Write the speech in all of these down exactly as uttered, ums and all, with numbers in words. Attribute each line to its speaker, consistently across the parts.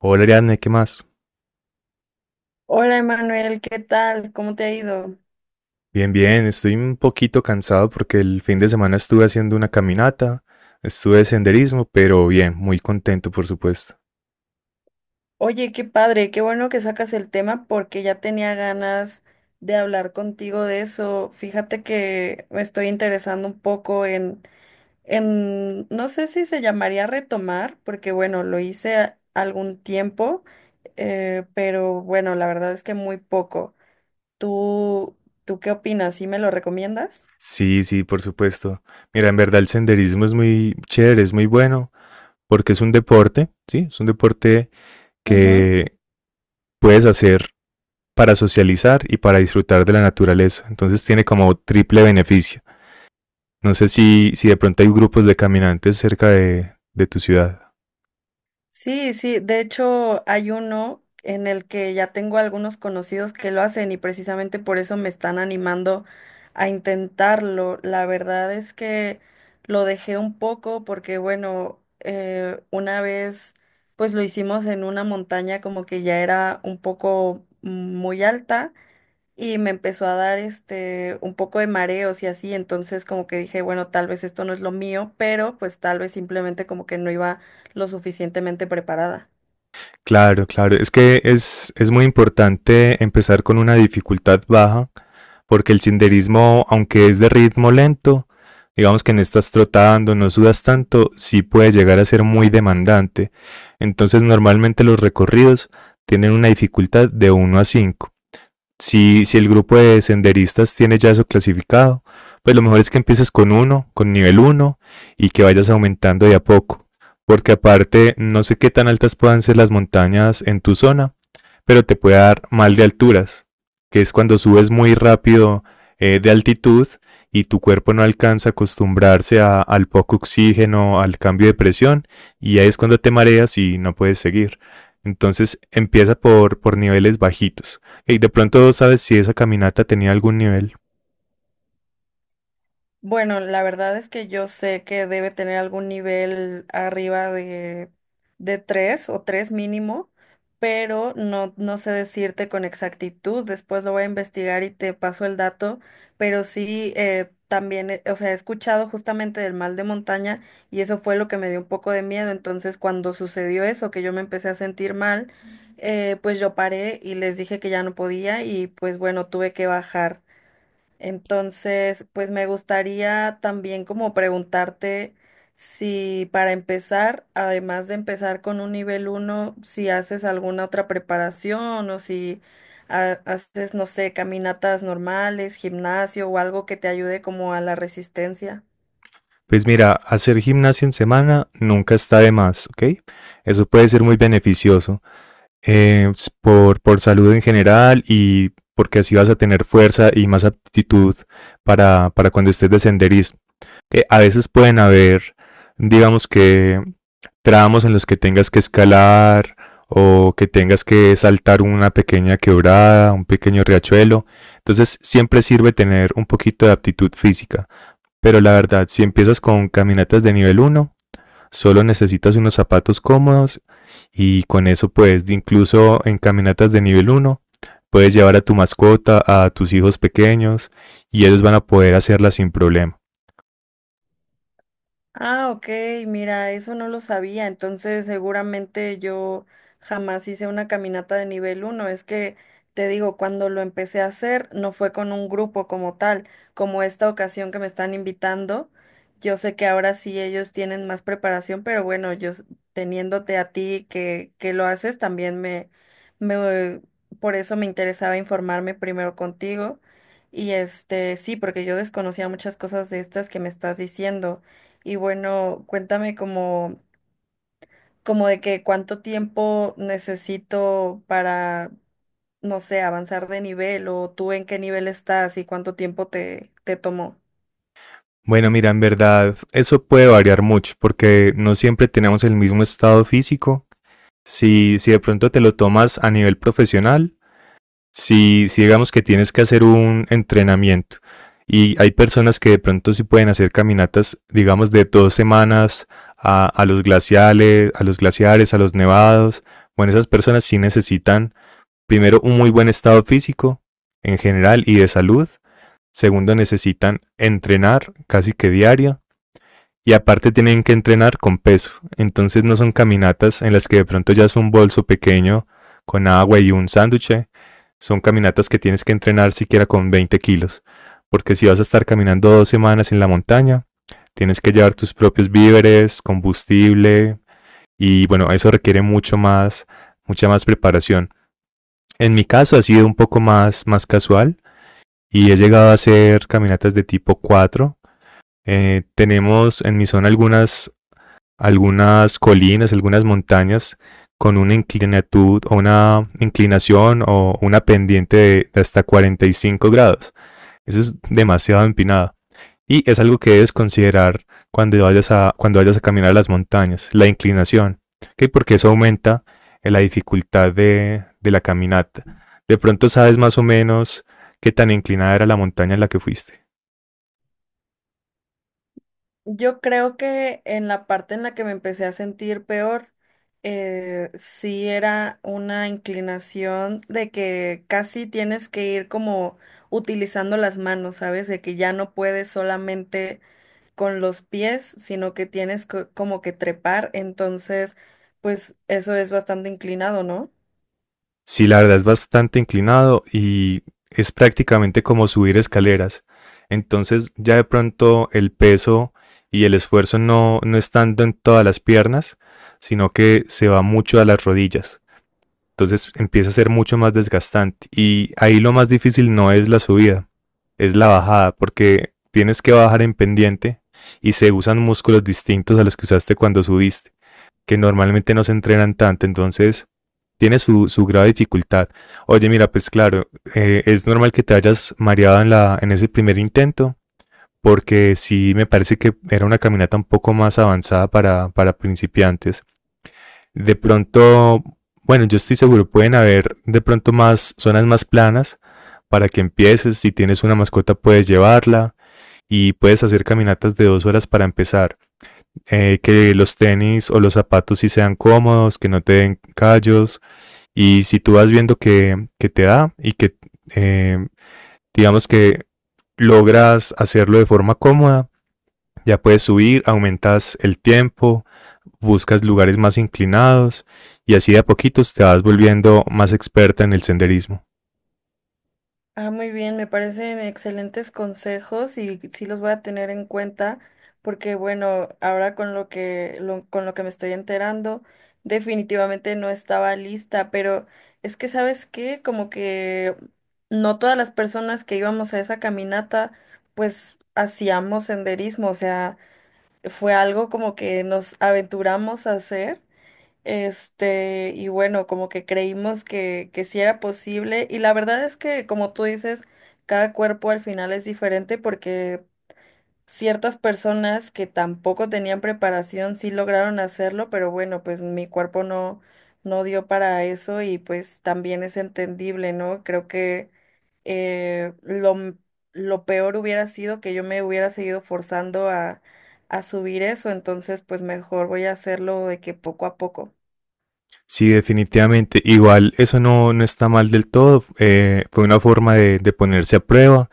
Speaker 1: Hola Ariadne, ¿qué más?
Speaker 2: Hola Emanuel, ¿qué tal? ¿Cómo te ha ido?
Speaker 1: Bien, bien, estoy un poquito cansado porque el fin de semana estuve haciendo una caminata, estuve de senderismo, pero bien, muy contento, por supuesto.
Speaker 2: Oye, qué padre, qué bueno que sacas el tema porque ya tenía ganas de hablar contigo de eso. Fíjate que me estoy interesando un poco en, en, no sé si se llamaría retomar, porque bueno, lo hice a- algún tiempo, eh, pero bueno, la verdad es que muy poco. ¿Tú, tú qué opinas? ¿Sí me lo recomiendas?
Speaker 1: Sí, sí, por supuesto. Mira, en verdad el senderismo es muy chévere, es muy bueno, porque es un deporte, ¿sí? Es un deporte que puedes hacer para socializar y para disfrutar de la naturaleza. Entonces tiene como triple beneficio. No sé si, si de pronto hay grupos de caminantes cerca de, de tu ciudad.
Speaker 2: Sí, sí, de hecho hay uno en el que ya tengo algunos conocidos que lo hacen y precisamente por eso me están animando a intentarlo. La verdad es que lo dejé un poco porque, bueno, eh, una vez pues lo hicimos en una montaña como que ya era un poco mm, muy alta y me empezó a dar este un poco de mareos y así, entonces como que dije, bueno, tal vez esto no es lo mío, pero pues tal vez simplemente como que no iba lo suficientemente preparada.
Speaker 1: Claro, claro. Es que es, es muy importante empezar con una dificultad baja, porque el senderismo, aunque es de ritmo lento, digamos que no estás trotando, no sudas tanto, sí puede llegar a ser muy demandante. Entonces, normalmente los recorridos tienen una dificultad de uno a cinco. Si, si el grupo de senderistas tiene ya eso clasificado, pues lo mejor es que empieces con uno, con nivel uno, y que vayas aumentando de a poco. Porque aparte, no sé qué tan altas puedan ser las montañas en tu zona, pero te puede dar mal de alturas, que es cuando subes muy rápido eh, de altitud y tu cuerpo no alcanza a acostumbrarse a- al poco oxígeno, al cambio de presión, y ahí es cuando te mareas y no puedes seguir. Entonces empieza por, por niveles bajitos. Y de pronto sabes si esa caminata tenía algún nivel.
Speaker 2: Bueno, la verdad es que yo sé que debe tener algún nivel arriba de, de tres o tres mínimo, pero no, no sé decirte con exactitud. Después lo voy a investigar y te paso el dato, pero sí eh, también, eh, o sea, he escuchado justamente del mal de montaña y eso fue lo que me dio un poco de miedo. Entonces, cuando sucedió eso, que yo me empecé a sentir mal, eh, pues yo paré y les dije que ya no podía y pues bueno, tuve que bajar. Entonces, pues me gustaría también como preguntarte si para empezar, además de empezar con un nivel uno, si haces alguna otra preparación o si ha- haces, no sé, caminatas normales, gimnasio o algo que te ayude como a la resistencia.
Speaker 1: Pues mira, hacer gimnasio en semana nunca está de más, ¿ok? Eso puede ser muy beneficioso. eh, por, por salud en general y porque así vas a tener fuerza y más aptitud para, para cuando estés de senderismo. Eh, a veces pueden haber, digamos que, tramos en los que tengas que escalar o que tengas que saltar una pequeña quebrada, un pequeño riachuelo. Entonces siempre sirve tener un poquito de aptitud física. Pero la verdad, si empiezas con caminatas de nivel uno solo necesitas unos zapatos cómodos y con eso pues incluso en caminatas de nivel uno puedes llevar a tu mascota, a tus hijos pequeños y ellos van a poder hacerla sin problema.
Speaker 2: Ah, ok, mira, eso no lo sabía, entonces seguramente yo jamás hice una caminata de nivel uno. Es que te digo, cuando lo empecé a hacer no fue con un grupo como tal, como esta ocasión que me están invitando, yo sé que ahora sí ellos tienen más preparación, pero bueno, yo s- teniéndote a ti que, que lo haces, también me, me, por eso me interesaba informarme primero contigo. Y este, sí, porque yo desconocía muchas cosas de estas que me estás diciendo. Y bueno, cuéntame como, como de que cuánto tiempo necesito para, no sé, avanzar de nivel o tú en qué nivel estás y cuánto tiempo te, te tomó.
Speaker 1: Bueno, mira, en verdad eso puede variar mucho porque no siempre tenemos el mismo estado físico. Si, si de pronto te lo tomas a nivel profesional, si, si digamos que tienes que hacer un entrenamiento y hay personas que de pronto sí pueden hacer caminatas, digamos, de dos semanas a, a los glaciales, a los glaciares, a los nevados. Bueno, esas personas sí necesitan primero un muy buen estado físico en general y de salud. Segundo, necesitan entrenar casi que diario. Y aparte tienen que entrenar con peso. Entonces no son caminatas en las que de pronto ya es un bolso pequeño con agua y un sándwich. Son caminatas que tienes que entrenar siquiera con 20 kilos. Porque si vas a estar caminando dos semanas en la montaña, tienes que llevar tus propios víveres, combustible. Y bueno, eso requiere mucho más, mucha más preparación. En mi caso ha sido un poco más, más casual y he llegado a hacer caminatas de tipo cuatro. Eh, tenemos en mi zona algunas algunas colinas, algunas montañas con una inclinatud o una inclinación o una pendiente de hasta 45 grados. Eso es demasiado empinado. Y es algo que debes considerar cuando vayas a, cuando vayas a caminar a las montañas, la inclinación, ¿okay? Porque eso aumenta eh, la dificultad de, de la caminata. De pronto sabes más o menos qué tan inclinada era la montaña en la que fuiste.
Speaker 2: Yo creo que en la parte en la que me empecé a sentir peor, eh, sí era una inclinación de que casi tienes que ir como utilizando las manos, ¿sabes? De que ya no puedes solamente con los pies, sino que tienes co- como que trepar, entonces, pues eso es bastante inclinado, ¿no?
Speaker 1: Sí, la verdad es bastante inclinado y es prácticamente como subir escaleras. Entonces ya de pronto el peso y el esfuerzo no, no es tanto en todas las piernas, sino que se va mucho a las rodillas. Entonces empieza a ser mucho más desgastante. Y ahí lo más difícil no es la subida, es la bajada, porque tienes que bajar en pendiente y se usan músculos distintos a los que usaste cuando subiste, que normalmente no se entrenan tanto. Entonces tiene su, su grave dificultad. Oye, mira, pues claro, eh, es normal que te hayas mareado en, la, en ese primer intento, porque sí me parece que era una caminata un poco más avanzada para, para principiantes. De pronto, bueno, yo estoy seguro, pueden haber de pronto más zonas más planas para que empieces. Si tienes una mascota, puedes llevarla y puedes hacer caminatas de dos horas para empezar. Eh, que los tenis o los zapatos sí sean cómodos, que no te den callos, y si tú vas viendo que, que te da y que eh, digamos que logras hacerlo de forma cómoda, ya puedes subir, aumentas el tiempo, buscas lugares más inclinados y así de a poquitos te vas volviendo más experta en el senderismo.
Speaker 2: Ah, muy bien, me parecen excelentes consejos y sí los voy a tener en cuenta porque bueno, ahora con lo que lo- con lo que me estoy enterando, definitivamente no estaba lista, pero es que ¿sabes qué? Como que no todas las personas que íbamos a esa caminata pues hacíamos senderismo, o sea, fue algo como que nos aventuramos a hacer, este, y bueno, como que creímos que, que sí era posible, y la verdad es que, como tú dices, cada cuerpo al final es diferente porque ciertas personas que tampoco tenían preparación sí lograron hacerlo, pero bueno, pues mi cuerpo no, no dio para eso y pues también es entendible, ¿no? Creo que eh, lo, m- lo peor hubiera sido que yo me hubiera seguido forzando a, a subir eso, entonces pues mejor voy a hacerlo de que poco a poco.
Speaker 1: Sí, definitivamente. Igual eso no, no está mal del todo. Eh, fue una forma de, de ponerse a prueba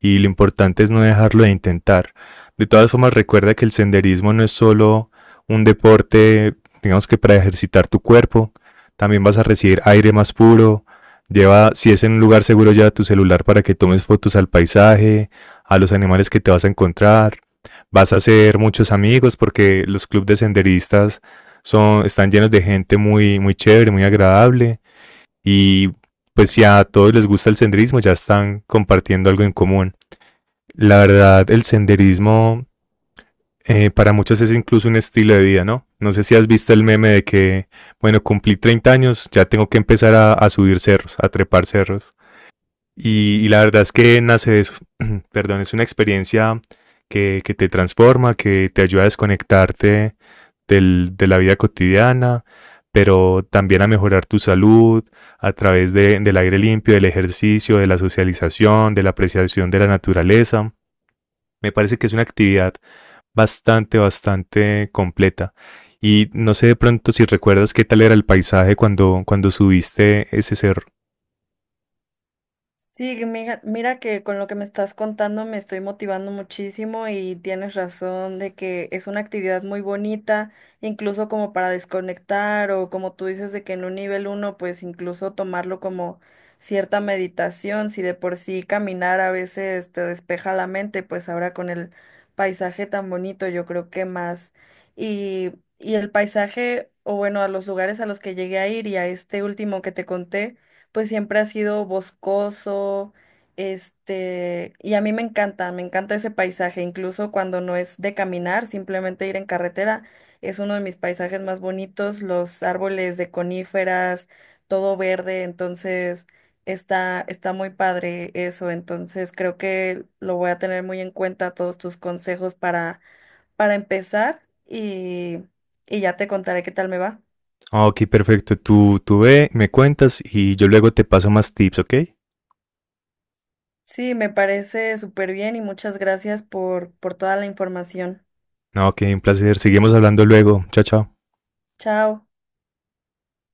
Speaker 1: y lo importante es no dejarlo de intentar. De todas formas, recuerda que el senderismo no es solo un deporte, digamos que para ejercitar tu cuerpo, también vas a recibir aire más puro. Lleva, si es en un lugar seguro, lleva tu celular para que tomes fotos al paisaje, a los animales que te vas a encontrar. Vas a hacer muchos amigos porque los clubes de senderistas son, están llenos de gente muy, muy chévere, muy agradable. Y pues si a todos les gusta el senderismo, ya están compartiendo algo en común. La verdad, el senderismo eh, para muchos es incluso un estilo de vida, ¿no? No sé si has visto el meme de que, bueno, cumplí treinta años, ya tengo que empezar a, a subir cerros, a trepar cerros. Y, y la verdad es que nace de eso, perdón, es una experiencia que, que te transforma, que te ayuda a desconectarte del- de la vida cotidiana, pero también a mejorar tu salud a través de- del aire limpio, del ejercicio, de la socialización, de la apreciación de la naturaleza. Me parece que es una actividad bastante, bastante completa. Y no sé de pronto si recuerdas qué tal era el paisaje cuando, cuando subiste ese cerro.
Speaker 2: Sí, mira, mira que con lo que me estás contando me estoy motivando muchísimo y tienes razón de que es una actividad muy bonita, incluso como para desconectar o como tú dices de que en un nivel uno, pues incluso tomarlo como cierta meditación, si de por sí caminar a veces te despeja la mente, pues ahora con el paisaje tan bonito yo creo que más. Y, y el paisaje, o bueno, a los lugares a los que llegué a ir y a este último que te conté pues siempre ha sido boscoso, este, y a mí me encanta, me encanta ese paisaje, incluso cuando no es de caminar, simplemente ir en carretera, es uno de mis paisajes más bonitos, los árboles de coníferas, todo verde, entonces está, está muy padre eso, entonces creo que lo voy a tener muy en cuenta todos tus consejos para, para empezar y, y ya te contaré qué tal me va.
Speaker 1: Ah, ok, perfecto. Tú, tú ve, me cuentas y yo luego te paso más tips, ¿ok?
Speaker 2: Sí, me parece súper bien y muchas gracias por, por toda la información.
Speaker 1: No, ok, un placer. Seguimos hablando luego. Chao, chao.
Speaker 2: Chao.